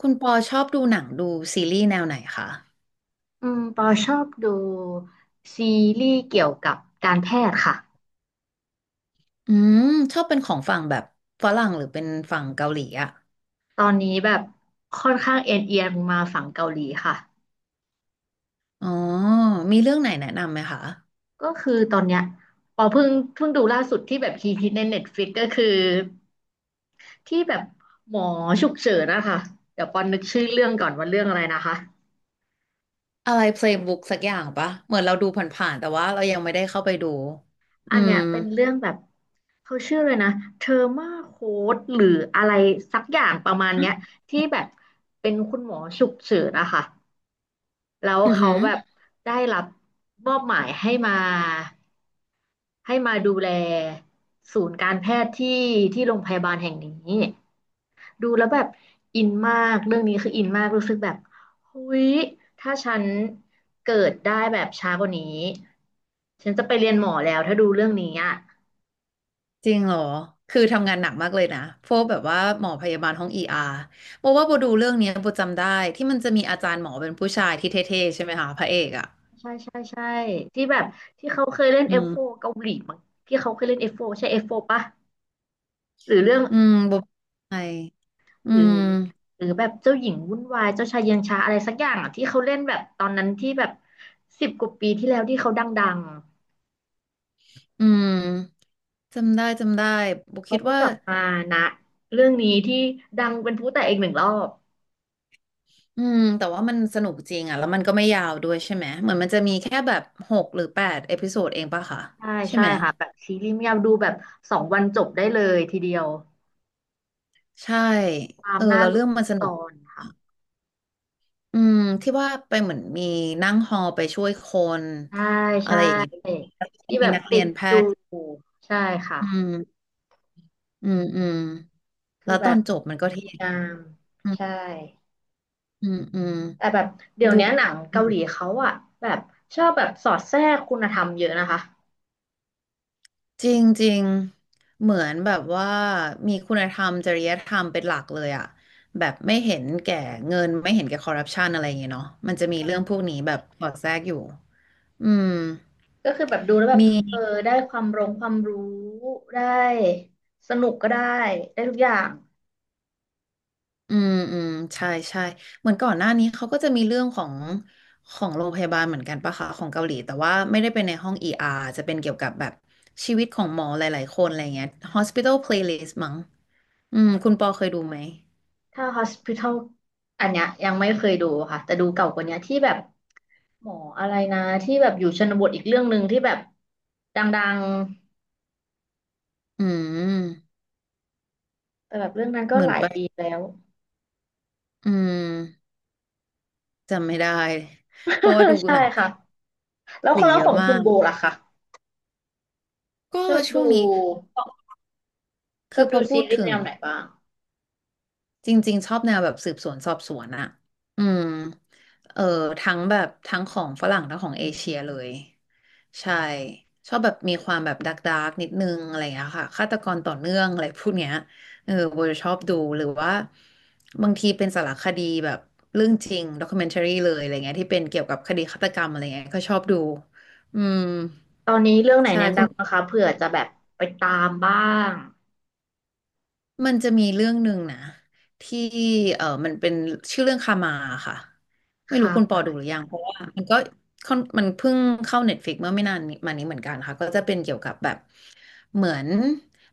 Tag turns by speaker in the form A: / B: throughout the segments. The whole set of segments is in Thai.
A: คุณปอชอบดูหนังซีรีส์แนวไหนคะ
B: อืมปอชอบดูซีรีส์เกี่ยวกับการแพทย์ค่ะ
A: อืมชอบเป็นของฝั่งแบบฝรั่งหรือเป็นฝั่งเกาหลีอะ
B: ตอนนี้แบบค่อนข้างเอ็นเอียงมาฝั่งเกาหลีค่ะ
A: อ๋อมีเรื่องไหนแนะนำไหมคะ
B: ก็คือตอนเนี้ยปอเพิ่งดูล่าสุดที่แบบฮิตฮิตในเน็ตฟลิกก็คือที่แบบหมอฉุกเฉินนะคะเดี๋ยวปอนึกชื่อเรื่องก่อนว่าเรื่องอะไรนะคะ
A: อะไร Playbook สักอย่างปะเหมือนเราดูผ่านๆแต่ว่าเรายังไม่ได้เข้าไปดูอื
B: อันเนี้
A: ม
B: ยเป็นเรื่องแบบเขาชื่อเลยนะเทอร์มาโค้ดหรืออะไรสักอย่างประมาณเนี้ยที่แบบเป็นคุณหมอฉุกเฉินนะคะ แล้ว
A: อือ
B: เขา
A: หือ
B: แบบได้รับมอบหมายให้มาดูแลศูนย์การแพทย์ที่ที่โรงพยาบาลแห่งนี้ดูแล้วแบบอินมากเรื่องนี้คืออินมากรู้สึกแบบเฮ้ยถ้าฉันเกิดได้แบบช้ากว่านี้ฉันจะไปเรียนหมอแล้วถ้าดูเรื่องนี้อ่ะ
A: จริงเหรอ คือทำงานหนักมากเลยนะพวกแบบว่าหมอพยาบาลห้องเออาร์โบดูเรื่องเนี้ยโบจำได้ที่มันจะมีอาจารย์หมอเป็นผู้ชายที่เท่ๆใช่ไหมคะพระเอกอะ
B: ใช่ใช่ใช่ที่แบบที่เขาเคยเล่น
A: อื
B: F4
A: ม
B: เกาหลีมั้งที่เขาเคยเล่น F4 ใช่ F4 ปะหรือเรื่อง
A: อืมโบใช่อื
B: หรื
A: ม
B: อแบบเจ้าหญิงวุ่นวายเจ้าชายเย็นชาอะไรสักอย่างอ่ะที่เขาเล่นแบบตอนนั้นที่แบบสิบกว่าปีที่แล้วที่เขาดัง
A: อืม จำได้บุ
B: ๆ
A: ก
B: เขา
A: คิด
B: ก็
A: ว่า
B: กลับมานะเรื่องนี้ที่ดังเป็นพลุแตกอีกหนึ่งรอบ
A: อืมแต่ว่ามันสนุกจริงอ่ะแล้วมันก็ไม่ยาวด้วยใช่ไหมเหมือนมันจะมีแค่แบบหกหรือแปดเอพิโซดเองปะคะ
B: ใช่
A: ใช่
B: ใช่
A: ไหม
B: ค่ะแบบซีรีส์ไม่ยาวดูแบบสองวันจบได้เลยทีเดียว
A: ใช่
B: ตา
A: เอ
B: ม
A: อ
B: หน้า
A: แล้ว
B: ลุ้
A: เรื่
B: น
A: อง
B: ทุ
A: มัน
B: ก
A: ส
B: ต
A: นุก
B: อนค่ะ
A: อืมที่ว่าไปเหมือนมีนั่งฮอลไปช่วยคน
B: ใช่ใช
A: อะไรอย่างเงี้ย
B: ่
A: แล้วก็
B: ที่แบ
A: มี
B: บ
A: นักเรี
B: ติ
A: ย
B: ด
A: นแพ
B: ดู
A: ทย์
B: ใช่ค่ะ
A: อืมอืมอืม
B: คือ
A: แล้ว
B: แบ
A: ตอ
B: บ
A: นจบมันก็เท่
B: ดีงาม
A: อื
B: ใช่
A: มอืมอืม
B: แต่แบบเดี๋ยว
A: ดู
B: เนี้ยหนังเกาหลีเขาอะแบบชอบแบบสอดแทรกคุณธรรมเยอะนะคะ
A: จริงจริงเหมือนแบบว่ามีคุณธรรมจริยธรรมเป็นหลักเลยอะแบบไม่เห็นแก่เงินไม่เห็นแก่คอร์รัปชันอะไรอย่างเงี้ยเนาะมันจะมีเรื่องพวกนี้แบบสอดแทรกอยู่อืม
B: ก็คือแบบดูแล้วแบบ
A: มี
B: เออได้ความรงความรู้ได้สนุกก็ได้ได้ทุกอย่าง
A: อืมอืมใช่ใช่เหมือนก่อนหน้านี้เขาก็จะมีเรื่องของโรงพยาบาลเหมือนกันปะคะของเกาหลีแต่ว่าไม่ได้เป็นในห้อง ER จะเป็นเกี่ยวกับแบบชีวิตของหมอหลายๆคนอะไรเงี้ย Hospital Playlist มั้งอืมคุณปอเคยดูไหม
B: ถ้า Hospital อันเนี้ยยังไม่เคยดูค่ะแต่ดูเก่ากว่าเนี้ยที่แบบหมออะไรนะที่แบบอยู่ชนบทอีกเรื่องหนึ่งที่แบบดัง
A: อืม
B: ๆแต่แบบเรื่องนั้นก็
A: เหมื
B: ห
A: อน
B: ลาย
A: ไป
B: ปีแล้ว
A: อืม จำไม่ได้ เพราะว่าดู
B: ใช่
A: หนัง
B: ค่ะ
A: เกา
B: แล้ว
A: ห
B: ค
A: ลี
B: นละ
A: เย
B: ข
A: อะ
B: อง
A: มา
B: คุณ
A: ก
B: โบล่ะคะ
A: ก็
B: ชอบ
A: ช่วง
B: ดู
A: นี้คือพอ
B: ซี
A: พูด
B: รีส์
A: ถึ
B: แน
A: ง
B: วไหนบ้าง
A: จริงๆชอบแนวแบบสืบสวนสอบสวนอะอืมเออทั้งแบบทั้งของฝรั่งทั้งของเอเชียเลยใช่ชอบแบบมีความแบบดักนิดนึงอะไรอย่างเงี้ยค่ะฆาตกรต่อเนื่องอะไรพวกเนี้ยเออโบจะชอบดูหรือว่าบางทีเป็นสารคดีแบบเรื่องจริงด็อก m e n t a r y เลยอะไรเงี้ยที่เป็นเกี่ยวกับคดีฆาตกรรมอะไรเงี้ยก็ชอบดูอืม
B: ตอนนี้เรื่องไหน
A: ใช่
B: แนะ
A: คุณ
B: นำนะคะเผื่อจะแบบไปตามบ้าง
A: มันจะมีเรื่องหนึ่งนะที่เออมันเป็นชื่อเรื่องคามาค่ะไม่รู้
B: ค่
A: คุณปอดูห
B: ะ
A: รือยังเพราะว่ามันก็ค่อนมันเพิ่งเข้าเน็ตฟ i ิกเมื่อไม่นานนี้มานี้เหมือนกันค่ะก็จะเป็นเกี่ยวกับแบบ เหมือน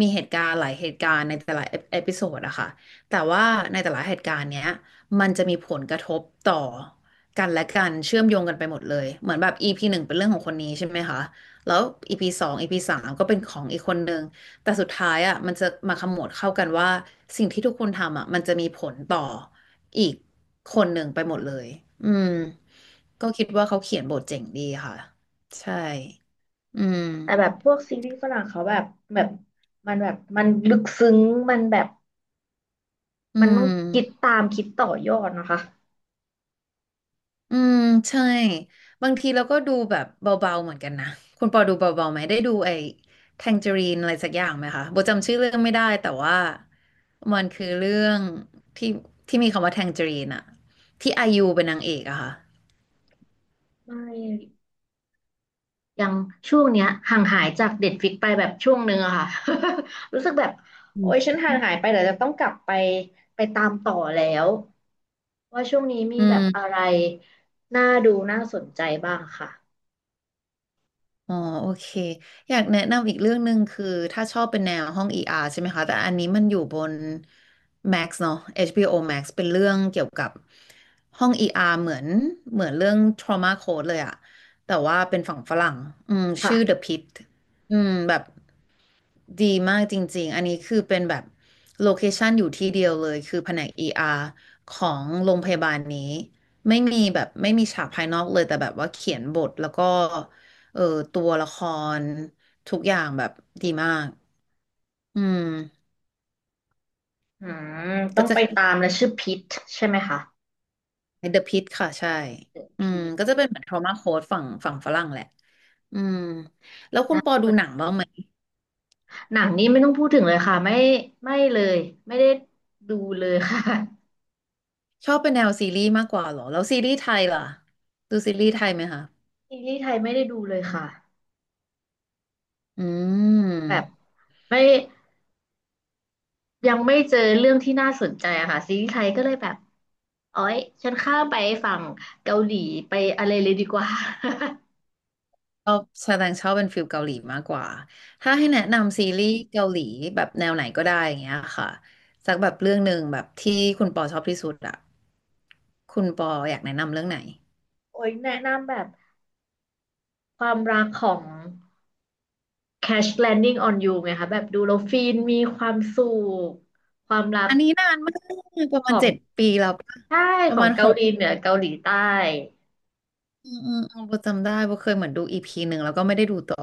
A: มีเหตุการณ์หลายเหตุการณ์ในแต่ละเอพิโซดอะค่ะแต่ว่าในแต่ละเหตุการณ์เนี้ยมันจะมีผลกระทบต่อกันและกันเชื่อมโยงกันไปหมดเลยเหมือนแบบ EP หนึ่งเป็นเรื่องของคนนี้ใช่ไหมคะแล้ว EP สอง EP สามก็เป็นของอีกคนนึงแต่สุดท้ายอะมันจะมาขมวดเข้ากันว่าสิ่งที่ทุกคนทำอะมันจะมีผลต่ออีกคนหนึ่งไปหมดเลยอืมก็คิดว่าเขาเขียนบทเจ๋งดีค่ะใช่อืม
B: แต่แบบพวกซีรีส์ฝรั่งเขาแบบมันแบบมันลึกซึ้งมันแบบ
A: อื
B: มันต้อ
A: ม
B: งคิดตามคิดต่อยอดนะคะ
A: อืมใช่บางทีเราก็ดูแบบเบาๆเหมือนกันนะคุณปอดูเบาๆไหมได้ดูไอ้แทงเจอรีนอะไรสักอย่างไหมคะโบจำชื่อเรื่องไม่ได้แต่ว่ามันคือเรื่องที่ที่มีคำว่าแทงเจอรีนอะที่ไอายูเป็นนางเอกอะค่ะ
B: ไม่ยังช่วงเนี้ยห่างหายจากเด็ดฟิกไปแบบช่วงหนึ่งอะค่ะ รู้สึกแบบ
A: อื
B: โอ๊ยฉั
A: ม
B: นห่างหายไปเดี๋ยวจะต้องกลับไปตามต่อแล้วว่าช่วงนี้มี
A: อื
B: แบบอะ
A: ม
B: ไรน่าดูน่าสนใจบ้างค่ะ
A: อ๋อโอเคอยากแนะนำอีกเรื่องหนึ่งคือถ้าชอบเป็นแนวห้อง ER ใช่ไหมคะแต่อันนี้มันอยู่บน Max เนอะ HBO Max เป็นเรื่องเกี่ยวกับห้อง ER เหมือนเรื่อง Trauma Code เลยอะแต่ว่าเป็นฝั่งฝรั่งอืมชื่อ
B: ค่ะ
A: The Pitt อืมแบบดีมากจริงๆอันนี้คือเป็นแบบโลเคชันอยู่ที่เดียวเลยคือแผนก ER ของโรงพยาบาลนี้ไม่มีฉากภายนอกเลยแต่แบบว่าเขียนบทแล้วก็ เออตัวละครทุกอย่างแบบดีมากอืม
B: อืมต้อ
A: ก็
B: ง
A: จะ
B: ไป
A: คล้า
B: ตามและ
A: ย
B: ชื่อพิทใช่ไหมคะ
A: ๆ The Pitt ค่ะใช่อื
B: พิ
A: ม
B: ท
A: ก็จะเป็นเหมือน trauma code ฝั่งฝรั่งแหละอืมแล้วคุณ
B: นะ
A: ปอดูหนังบ้างไหม
B: หนังนี้ไม่ต้องพูดถึงเลยค่ะไม่ไม่เลยไม่ได้ดูเลยค่ะ
A: ชอบเป็นแนวซีรีส์มากกว่าเหรอแล้วซีรีส์ไทยล่ะดูซีรีส์ไทยไหมคะ
B: ซีรีส์ไทยไม่ได้ดูเลยค่ะ
A: อื
B: แบบ
A: ม
B: ไม่ยังไม่เจอเรื่องที่น่าสนใจอะค่ะซีรีส์ไทยก็เลยแบบโอ๊ยฉันข้ามไปฝั่งเกาหลีไปอะไรเลยดีกว่า
A: ชอบแสดงชอบเป็นฟิลเกาหลีมากกว่าถ้าให้แนะนำซีรีส์เกาหลีแบบแนวไหนก็ได้อย่างเงี้ยค่ะสักแบบเรื่องหนึ่งแบบที่คุณปอชอบที่สุดอะคุณปออยากแนะนำเรื่องไหน
B: โอ้ยแนะนำแบบความรักของ Crash Landing on You ไงคะแบบดูแล้วฟินมีความสุขความรัก
A: อันนี้นานมากประมา
B: ข
A: ณ
B: อ
A: เจ็ด
B: ง
A: ปีแล้วปะ
B: ใช่
A: ป
B: ข
A: ระ
B: อ
A: มา
B: ง
A: ณห
B: เกาห
A: ก
B: ลีเหนือเกาหลีใต้
A: อืมอืมอืมโบจำได้โบเคยเหมือนดูอีพีหนึ่งแล้วก็ไม่ได้ดูต่อ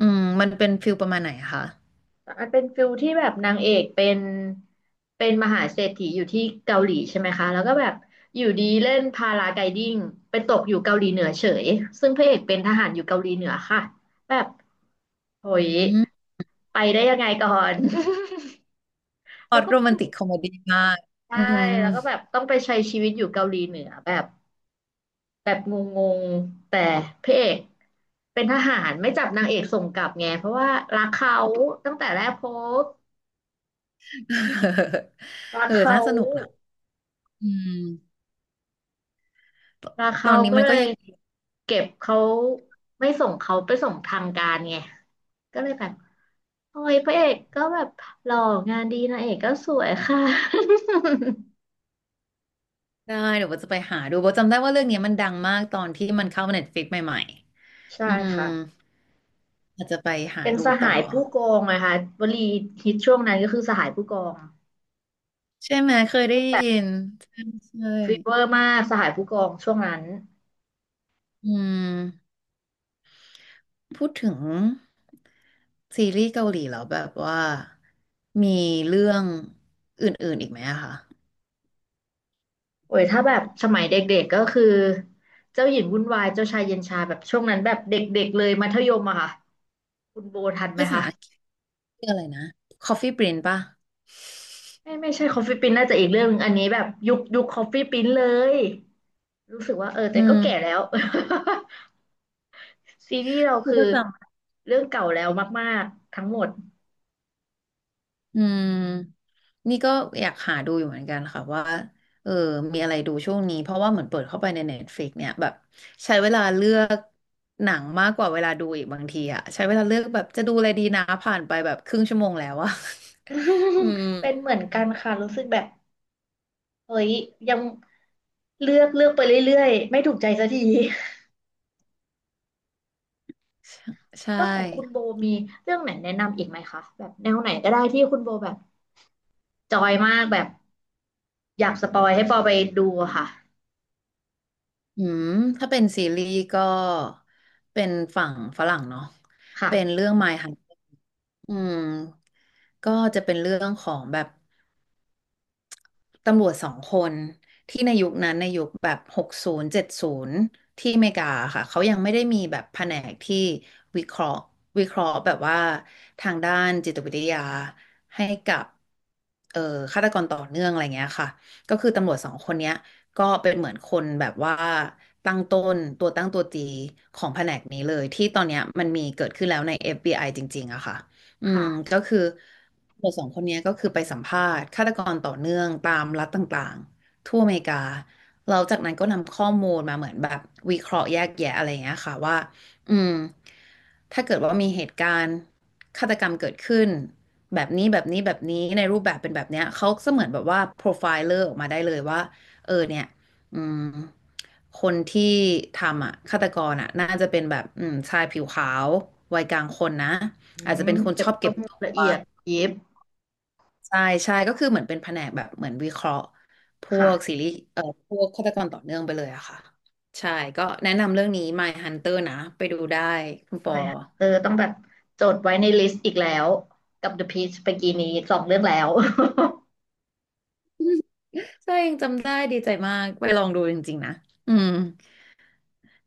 A: อืมมันเป็นฟิลประมาณไหนคะ
B: มันเป็นฟิลที่แบบนางเอกเป็นเป็นมหาเศรษฐีอยู่ที่เกาหลีใช่ไหมคะแล้วก็แบบอยู่ดีเล่นพาราไกลดิ้งไปตกอยู่เกาหลีเหนือเฉยซึ่งพระเอกเป็นทหารอยู่เกาหลีเหนือค่ะแบบโหย
A: อืม
B: ไปได้ยังไงก่อน
A: พล็
B: แล้
A: อ
B: ว
A: ต
B: ก็
A: โร
B: ไป
A: แม
B: อ
A: น
B: ยู่
A: ติกคอมเมดี้มาก
B: ใช่
A: อืม
B: แล้วก็แบบต้องไปใช้ชีวิตอยู่เกาหลีเหนือแบบ แบบงงๆแต่พระเอกเป็นทหารไม่จับนางเอกส่งกลับไงเพราะว่ารักเขาตั้งแต่แรกพบ รัก
A: เออ
B: เขา
A: น่าสนุกนะอืมต
B: รัก
A: ตอ
B: เขา
A: นนี้
B: ก็
A: มัน
B: เล
A: ก็
B: ย
A: ยัง
B: เก็บเขาไม่ส่งเขาไปส่งทางการไงก็เลยแบบโอ้ยพระเอกก็แบบหล่องานดีนางเอกก็สวยค่ะ
A: ได้เดี๋ยวโบจะไปหาดูโบจำได้ว่าเรื่องเนี้ยมันดังมากตอนที่มันเข้าเน็ฟิกใหม่ ๆ
B: ใช่
A: อืม
B: ค่ะ
A: อาจจะไปหา
B: เป็น
A: ดู
B: สหา
A: ต่อ
B: ยผู้กองนะคะวลีฮิตช่วงนั้นก็คือสหายผู้กอง
A: ใช่ไหมเคยได้
B: ก็แบบ
A: ยินใช่ใช่
B: ฟีเวอร์มากสหายผู้กองช่วงนั้น
A: อืมพูดถึงซีรีส์เกาหลีแล้วแบบว่ามีเรื่องอื่นๆอีกไหมอะคะ
B: โอ้ยถ้าแบบสมัยเด็กๆก็คือเจ้าหญิงวุ่นวายเจ้าชายเย็นชาแบบช่วงนั้นแบบเด็กๆเลยมัธยมอะค่ะคุณโบทันไหม
A: ภาษา
B: คะ
A: อังกฤษเรื่องอะไรนะ Coffee Prince ป่ะ
B: ไม่ไม่ใช่คอฟฟี่ปิ้นน่าจะอีกเรื่องหนึงอันนี้แบบยุคคอฟฟี่ปิ้นเลยรู้สึกว่าเออแต่
A: อื
B: ก็แก่แล้
A: ม
B: ว ซีรีส์เรา
A: กู
B: คือ
A: ก็จ
B: เรื่องเก่าแล้วมากๆทั้งหมด
A: อืมนี่ก็อยากหาดูอยู่เหมือนกันค่ะว่าเออมีอะไรดูช่วงนี้เพราะว่าเหมือนเปิดเข้าไปใน Netflix เนี่ยแบบใช้เวลาเลือกหนังมากกว่าเวลาดูอีกบางทีอะใช้เวลาเลือกแบบจะดูอะไรดีนะผ่านไปแบบครึ่งชั่วโมงแล้วอะ อืม
B: เป็นเหมือนกันค่ะรู้สึกแบบเฮ้ยยังเลือกเลือกไปเรื่อยๆไม่ถูกใจสักที
A: ใช่
B: แล้วของคุณโบมีเรื่องไหนแนะนำอีกไหมคะแบบแนวไหนก็ได้ที่คุณโบแบบจอยมากแบบอยากสปอยให้ปอไปดูอะค่ะ
A: อืมถ้าเป็นซีรีส์ก็เป็นฝั่งฝรั่งเนาะเป็น
B: ค่ะ
A: เรื่อง My Hunter อืมก็จะเป็นเรื่องของแบบ ตำรวจสองคนที่ในยุคนั้นในยุคแบบ60-70ที่อเมริกาค่ะเขายังไม่ได้มีแบบแผนกที่วิเคราะห์วิเคราะห์แบบว่าทางด้านจิตวิทยาให้กับเอ่อฆาตกรต่อเนื่องอะไรเงี้ยค่ะก็คือตำรวจสองคนเนี้ยก็เป็นเหมือนคนแบบว่าตั้งต้นตัวตั้งตัวตีของแผนกนี้เลยที่ตอนเนี้ยมันมีเกิดขึ้นแล้วใน FBI จริงๆอะค่ะ อืม
B: ค่ะ
A: ก็คือตำรวจสองคนเนี้ยก็คือไปสัมภาษณ์ฆาตกรต่อเนื่องตามรัฐต่างๆทั่วอเมริกาเราจากนั้นก็นำข้อมูลมาเหมือนแบบวิเคราะห์แยกแยะอะไรอย่างเงี้ยค่ะว่าอืมถ้าเกิดว่ามีเหตุการณ์ฆาตกรรมเกิดขึ้นแบบนี้แบบนี้แบบนี้ในรูปแบบเป็นแบบเนี้ยเขาก็เสมือนแบบว่าโปรไฟล์เลอร์ออกมาได้เลยว่าเออเนี่ยอืมคนที่ทำอ่ะฆาตกรอ่ะน่าจะเป็นแบบอืมชายผิวขาววัยกลางคนนะ
B: อื
A: อาจจะ
B: ม
A: เป็นคน
B: เก็
A: ช
B: บ
A: อบ
B: ข้
A: เก็
B: อ
A: บ
B: มูล
A: ตั
B: ละ
A: ว
B: เอียดยิบ
A: ใช่ใช่ก็คือเหมือนเป็นแผนกแบบเหมือนวิเคราะห์พวก
B: ค่ะ
A: ซีรีส์พวกฆาตกรต่อเนื่องไปเลยอะค่ะใช่ก็แนะนำเรื่องนี้ My Hunter นะไปดูได้คุณปอ
B: ไม่ค่ะเออต้องแบบจดไว้ในลิสต์อีกแล้วกับ The Peach ไปกีนี้สองเรื่องแล้ว
A: ใช่ยังจำได้ดีใจมากไปลองดูจริงๆนะอืม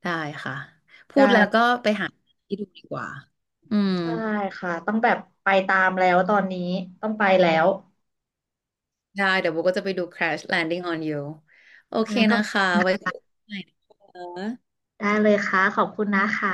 A: ได้ค่ะ พูดแล้วก็
B: ได้
A: ไปหาที่ดูดีกว่าอืม
B: ใช่ค่ะต้องแบบไปตามแล้วตอนนี้ต้องไปแล้ว
A: ได้เดี๋ยวโบก็จะไปดู Crash Landing on You โอ
B: อั
A: เค
B: นนั้นก็
A: นะคะไว้คุยกันใหม่นะคะ
B: ได้เลยค่ะขอบคุณนะคะ